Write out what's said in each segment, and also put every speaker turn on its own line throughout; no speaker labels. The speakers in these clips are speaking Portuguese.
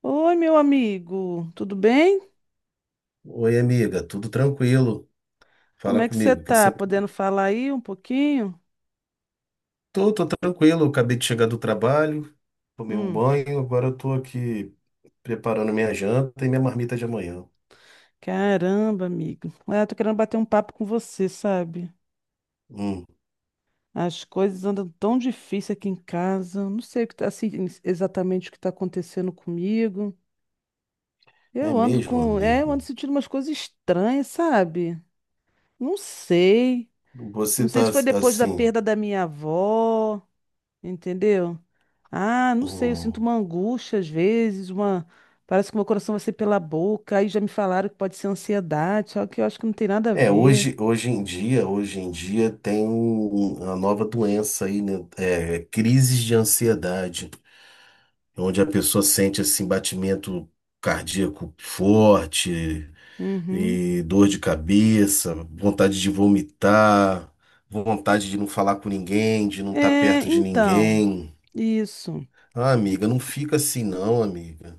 Oi, meu amigo, tudo bem?
Oi, amiga, tudo tranquilo?
Como
Fala
é que você
comigo, que
tá?
você...
Podendo falar aí um pouquinho?
Tô tranquilo, eu acabei de chegar do trabalho, tomei um
Hum,
banho, agora eu tô aqui preparando minha janta e minha marmita de amanhã.
Caramba, amigo. Ah, eu tô querendo bater um papo com você, sabe?
Hum.
As coisas andam tão difíceis aqui em casa. Não sei o que tá, assim, exatamente o que tá acontecendo comigo.
É
Eu ando
mesmo,
com, é, eu ando
amigo?
sentindo umas coisas estranhas, sabe? Não sei. Não
Você
sei
tá
se foi depois da
assim...
perda da minha avó, entendeu? Ah, não sei, eu sinto
Hum.
uma angústia às vezes, uma. Parece que meu coração vai ser pela boca, aí já me falaram que pode ser ansiedade, só que eu acho que não tem nada a
É,
ver.
hoje em dia tem uma nova doença aí, né? É, crises de ansiedade, onde a pessoa sente assim batimento cardíaco forte,
Uhum.
e dor de cabeça, vontade de vomitar, vontade de não falar com ninguém, de não estar
É,
perto de
então,
ninguém.
isso.
Ah, amiga, não fica assim não, amiga.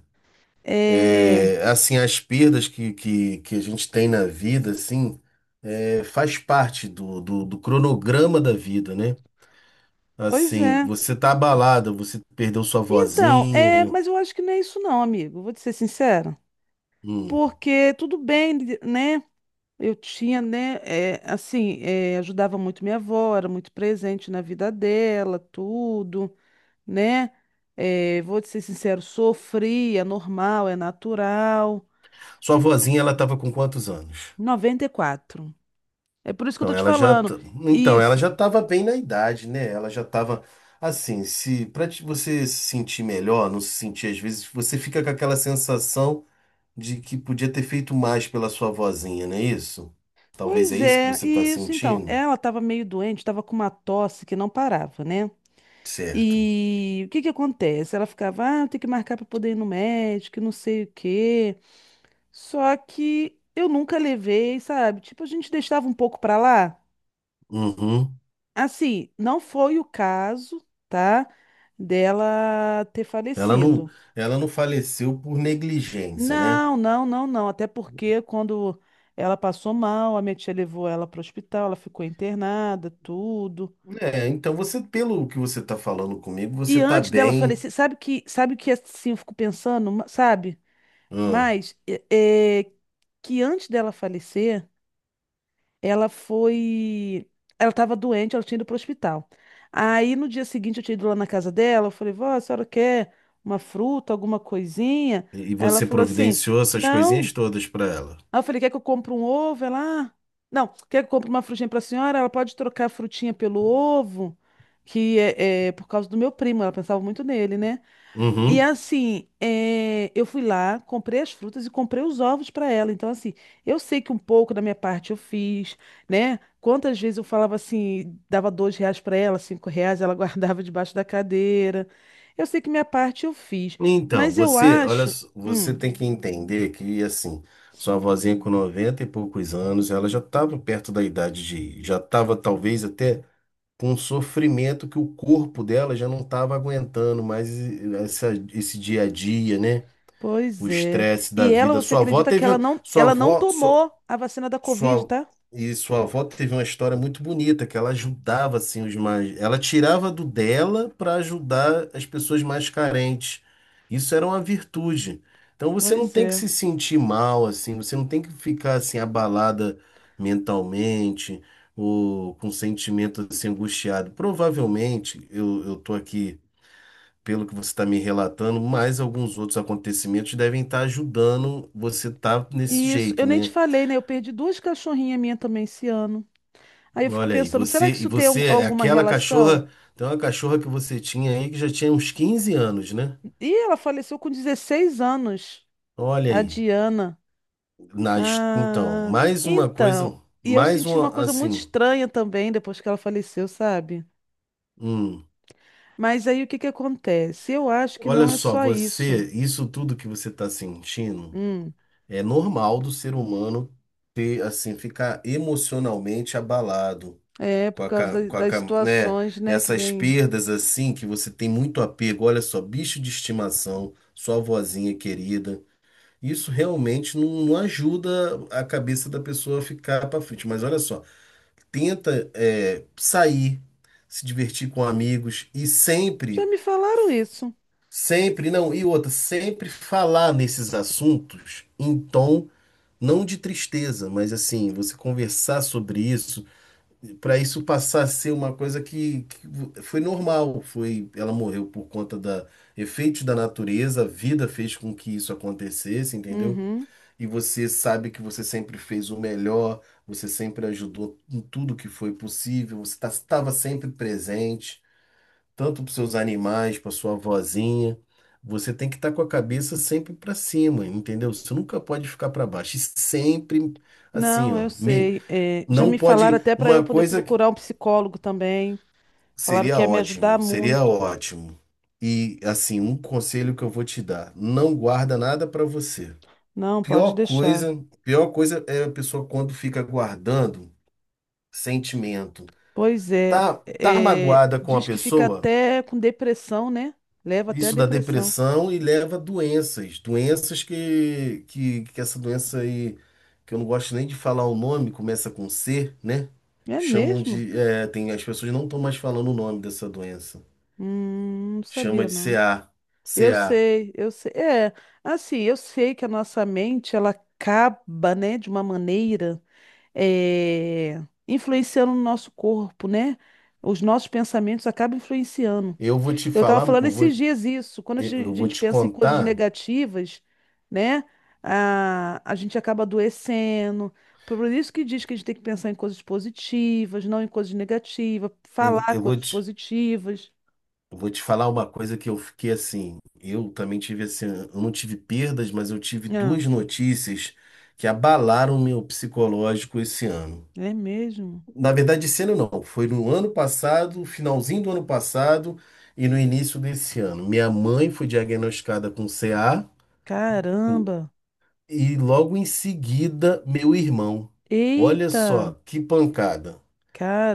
É,
É, assim, as perdas que a gente tem na vida, assim, é, faz parte do cronograma da vida, né?
pois
Assim,
é.
você tá abalada, você perdeu sua
Então, é,
vozinha.
mas eu acho que não é isso não, amigo, vou te ser sincera.
Hum.
Porque tudo bem, né? Eu tinha, né, assim, ajudava muito minha avó, era muito presente na vida dela, tudo. Né? É, vou te ser sincero, sofri, é normal, é natural.
Sua vozinha, ela tava com quantos anos?
94. É por isso que eu
Então,
tô te
ela já,
falando.
t- então, ela
Isso.
já estava bem na idade, né? Ela já estava assim, se para você se sentir melhor, não se sentir às vezes, você fica com aquela sensação de que podia ter feito mais pela sua vozinha, não é isso? Talvez é
Pois
isso que
é,
você está
isso. Então,
sentindo?
ela tava meio doente, tava com uma tosse que não parava, né?
Certo.
E o que que acontece? Ela ficava, ah, eu tenho que marcar para poder ir no médico, e não sei o quê. Só que eu nunca levei, sabe? Tipo, a gente deixava um pouco para lá.
Uhum.
Assim, não foi o caso, tá? Dela ter
Ela não,
falecido.
ela não faleceu por negligência, né?
Não, não, não, não. Até porque quando ela passou mal, a minha tia levou ela para o hospital, ela ficou internada, tudo.
É, então você, pelo que você está falando comigo,
E
você está
antes dela
bem.
falecer, sabe que assim eu fico pensando, sabe?
Hum.
Mas é, é, que antes dela falecer, ela foi, ela estava doente, ela tinha ido para o hospital. Aí no dia seguinte eu tinha ido lá na casa dela, eu falei, vó, a senhora quer uma fruta, alguma coisinha?
E
Aí ela
você
falou assim,
providenciou essas
não.
coisinhas todas para ela.
Aí eu falei, quer que eu compre um ovo? Ela, ah, não, quer que eu compre uma frutinha pra senhora? Ela pode trocar a frutinha pelo ovo, que é, é por causa do meu primo, ela pensava muito nele, né? E
Uhum.
assim, é, eu fui lá, comprei as frutas e comprei os ovos para ela. Então, assim, eu sei que um pouco da minha parte eu fiz, né? Quantas vezes eu falava assim, dava R$ 2 para ela, R$ 5, ela guardava debaixo da cadeira. Eu sei que minha parte eu fiz,
Então,
mas eu
você, olha,
acho.
só, você
hum,
tem que entender que, assim, sua vozinha com 90 e poucos anos, ela já estava perto da idade de, já estava talvez até com um sofrimento que o corpo dela já não estava aguentando mais esse dia a dia, né? O
Pois é.
estresse da
E ela,
vida.
você
Sua avó
acredita que
teve,
ela não,
sua
ela não
avó,
tomou a vacina da Covid,
sua,
tá?
e sua avó teve uma história muito bonita, que ela ajudava assim os mais, ela tirava do dela para ajudar as pessoas mais carentes. Isso era uma virtude. Então você não
Pois
tem que
é.
se sentir mal assim, você não tem que ficar assim abalada mentalmente ou com sentimento assim angustiado. Provavelmente, eu tô aqui pelo que você está me relatando, mais alguns outros acontecimentos devem estar ajudando você estar nesse
E isso, eu
jeito,
nem te
né?
falei, né? Eu perdi duas cachorrinhas minhas também esse ano. Aí eu fico
Olha aí,
pensando, será
você
que
e
isso tem
você é
alguma
aquela
relação?
cachorra, tem uma cachorra que você tinha aí que já tinha uns 15 anos, né?
E ela faleceu com 16 anos,
Olha
a
aí.
Diana.
Então,
Ah,
mais uma
então.
coisa,
E eu
mais
senti uma
uma
coisa muito
assim.
estranha também depois que ela faleceu, sabe?
Hum.
Mas aí o que que acontece? Eu acho que
Olha
não é
só,
só isso.
você, isso tudo que você está sentindo
Hum,
é normal do ser humano ter assim ficar emocionalmente abalado
é por causa das
né,
situações, né, que
essas
vem.
perdas assim que você tem muito apego. Olha só, bicho de estimação, sua vozinha querida. Isso realmente não, não ajuda a cabeça da pessoa a ficar para frente. Mas olha só, tenta é, sair, se divertir com amigos e
Já
sempre,
me falaram isso.
sempre, não, e outra, sempre falar nesses assuntos em tom não de tristeza, mas assim, você conversar sobre isso, para isso passar a ser uma coisa que foi normal, foi, ela morreu por conta da efeitos da natureza, a vida fez com que isso acontecesse, entendeu?
Uhum.
E você sabe que você sempre fez o melhor, você sempre ajudou em tudo que foi possível, você estava sempre presente, tanto para seus animais, para sua vozinha. Você tem que estar com a cabeça sempre para cima, entendeu? Você nunca pode ficar para baixo. E sempre assim,
Não,
ó.
eu
Me,
sei. É, já
não
me falaram
pode.
até para eu
Uma
poder
coisa que
procurar um psicólogo também. Falaram que
seria
ia me ajudar
ótimo, seria
muito.
ótimo. E assim, um conselho que eu vou te dar: não guarda nada para você.
Não,
Pior
pode deixar.
coisa, pior coisa é a pessoa quando fica guardando sentimento.
Pois é.
Tá, tá
É,
magoada com a
diz que fica
pessoa,
até com depressão, né? Leva até a
isso dá
depressão.
depressão e leva a doenças, doenças que essa doença aí, que eu não gosto nem de falar o nome, começa com C, né?
É
Chamam
mesmo?
de, é, tem, as pessoas não estão mais falando o nome dessa doença.
Não
Chama
sabia,
de
não.
CA,
Eu
CA.
sei, eu sei. É, assim, eu sei que a nossa mente, ela acaba, né, de uma maneira eh, influenciando no nosso corpo, né? Os nossos pensamentos acabam influenciando.
Eu vou te
Eu estava
falar, eu
falando
vou,
esses dias isso, quando a
eu vou
gente
te
pensa em coisas
contar,
negativas, né? A gente acaba adoecendo. Por isso que diz que a gente tem que pensar em coisas positivas, não em coisas negativas,
eu,
falar
eu vou
coisas
te
positivas.
Eu vou te falar uma coisa que eu fiquei assim. Eu também tive assim, eu não tive perdas, mas eu tive
Ah,
duas notícias que abalaram meu psicológico esse ano.
é mesmo?
Na verdade, esse ano não, foi no ano passado, finalzinho do ano passado e no início desse ano. Minha mãe foi diagnosticada com CA com-
Caramba!
e logo em seguida meu irmão. Olha
Eita!
só, que pancada.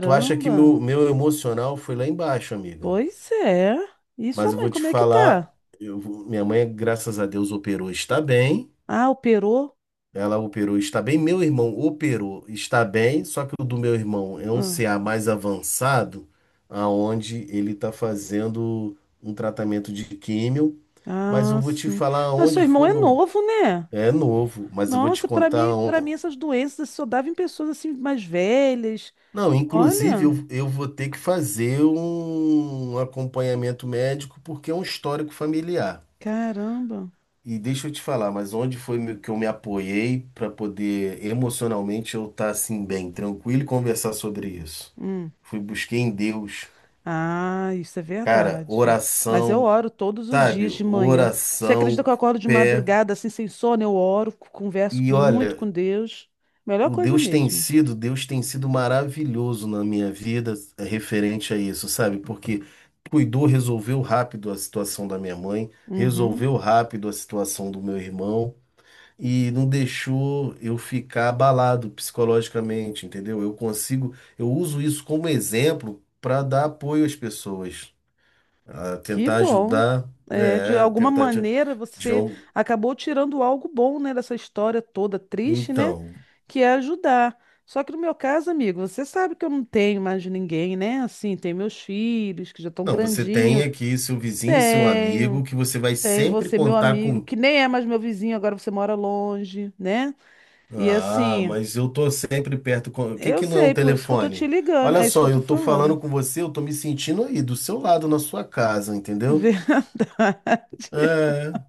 Tu acha que meu emocional foi lá embaixo, amiga?
Pois é. E sua
Mas eu
mãe,
vou te
como é que
falar,
tá?
minha mãe, graças a Deus, operou, está bem.
Ah, operou?
Ela operou, está bem. Meu irmão operou, está bem. Só que o do meu irmão é um
Ah,
CA mais avançado, aonde ele está fazendo um tratamento de químio. Mas
ah,
eu vou te
sim.
falar
Mas seu
onde
irmão
foi o
é
meu.
novo, né?
É novo, mas eu vou te
Nossa, para mim,
contar.
para mim essas doenças só davam em pessoas assim mais velhas.
Não, inclusive eu,
Olha,
eu vou ter que fazer um acompanhamento médico porque é um histórico familiar.
caramba.
E deixa eu te falar, mas onde foi que eu me apoiei para poder emocionalmente eu estar assim bem, tranquilo e conversar sobre isso?
Hum.
Fui busquei em Deus,
Ah, isso é
cara,
verdade. Mas eu
oração,
oro todos os
sabe?
dias de manhã. Você acredita
Oração,
que eu acordo de
pé.
madrugada assim sem sono? Eu oro, converso
E olha,
muito com Deus. Melhor
o
coisa
Deus tem
mesmo.
sido, Deus tem sido maravilhoso na minha vida, referente a isso, sabe? Porque cuidou, resolveu rápido a situação da minha mãe,
Uhum.
resolveu rápido a situação do meu irmão. E não deixou eu ficar abalado psicologicamente, entendeu? Eu consigo, eu uso isso como exemplo para dar apoio às pessoas, a
Que
tentar
bom.
ajudar,
É, de
é,
alguma
tentar te,
maneira
de
você
al-
acabou tirando algo bom, né, dessa história toda triste, né,
então,
que é ajudar. Só que no meu caso, amigo, você sabe que eu não tenho mais de ninguém, né? Assim, tem meus filhos que já estão
não, você tem
grandinhos.
aqui seu vizinho, seu amigo,
Tenho,
que você vai
tenho
sempre
você, meu
contar
amigo,
com.
que nem é mais meu vizinho, agora você mora longe, né? E
Ah,
assim,
mas eu tô sempre perto com. O que
eu
que não é um
sei, por isso que eu tô te
telefone?
ligando,
Olha
é isso que
só,
eu tô
eu tô falando
falando.
com você, eu tô me sentindo aí do seu lado na sua casa, entendeu?
Verdade.
É,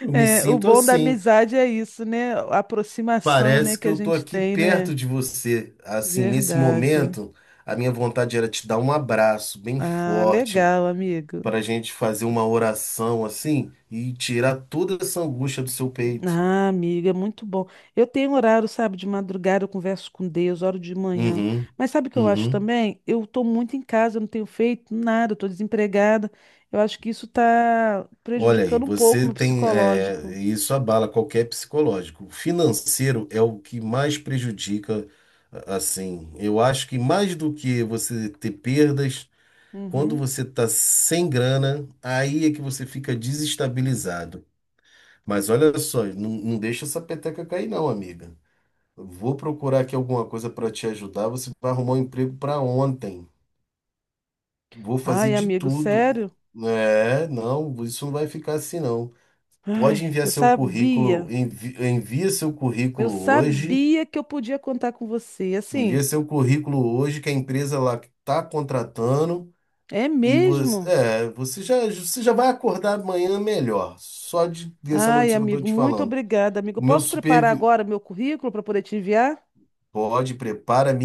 eu me
É, o
sinto
bom da
assim.
amizade é isso, né? A aproximação, né,
Parece que
que a
eu tô
gente
aqui
tem, né?
perto de você. Assim, nesse
Verdade.
momento, a minha vontade era te dar um abraço bem
Ah,
forte
legal, amigo.
para a gente fazer uma oração assim e tirar toda essa angústia do seu peito.
Ah, amiga, muito bom. Eu tenho horário, sabe, de madrugada eu converso com Deus, hora de manhã.
Uhum,
Mas sabe o que eu acho
uhum.
também? Eu tô muito em casa, eu não tenho feito nada, eu tô desempregada. Eu acho que isso tá
Olha aí,
prejudicando um pouco o
você
meu
tem,
psicológico.
é, isso abala qualquer psicológico. O financeiro é o que mais prejudica, assim. Eu acho que mais do que você ter perdas quando
Uhum.
você tá sem grana, aí é que você fica desestabilizado. Mas olha só, não, não deixa essa peteca cair, não, amiga. Vou procurar aqui alguma coisa para te ajudar. Você vai arrumar um emprego para ontem. Vou fazer
Ai,
de
amigo,
tudo.
sério?
É, não, isso não vai ficar assim, não. Pode
Ai,
enviar
eu
seu currículo,
sabia.
envia seu
Eu
currículo hoje.
sabia que eu podia contar com você.
Envia
Assim,
seu currículo hoje, que a empresa lá está contratando.
é
E você,
mesmo?
é, você já vai acordar amanhã melhor, só de dessa
Ai,
notícia que eu tô
amigo,
te
muito
falando.
obrigada, amigo.
O meu
Posso preparar
supervi
agora meu currículo para poder te enviar?
Pode, prepara, me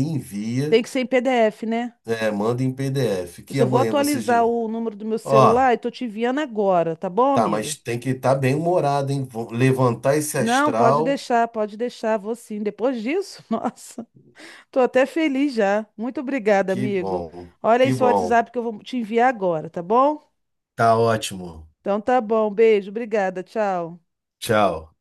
Tem
envia,
que ser em PDF, né?
é, manda em PDF,
Eu
que
só vou
amanhã você já...
atualizar o número do meu
Ó,
celular e tô te enviando agora, tá bom,
tá, mas
amigo?
tem que estar bem humorado, hein? Vou levantar esse
Não,
astral,
pode deixar, vou sim. Depois disso, nossa, tô até feliz já. Muito obrigada,
que
amigo.
bom,
Olha aí
que
seu
bom.
WhatsApp que eu vou te enviar agora, tá bom?
Tá ótimo.
Então tá bom, beijo, obrigada, tchau.
Tchau.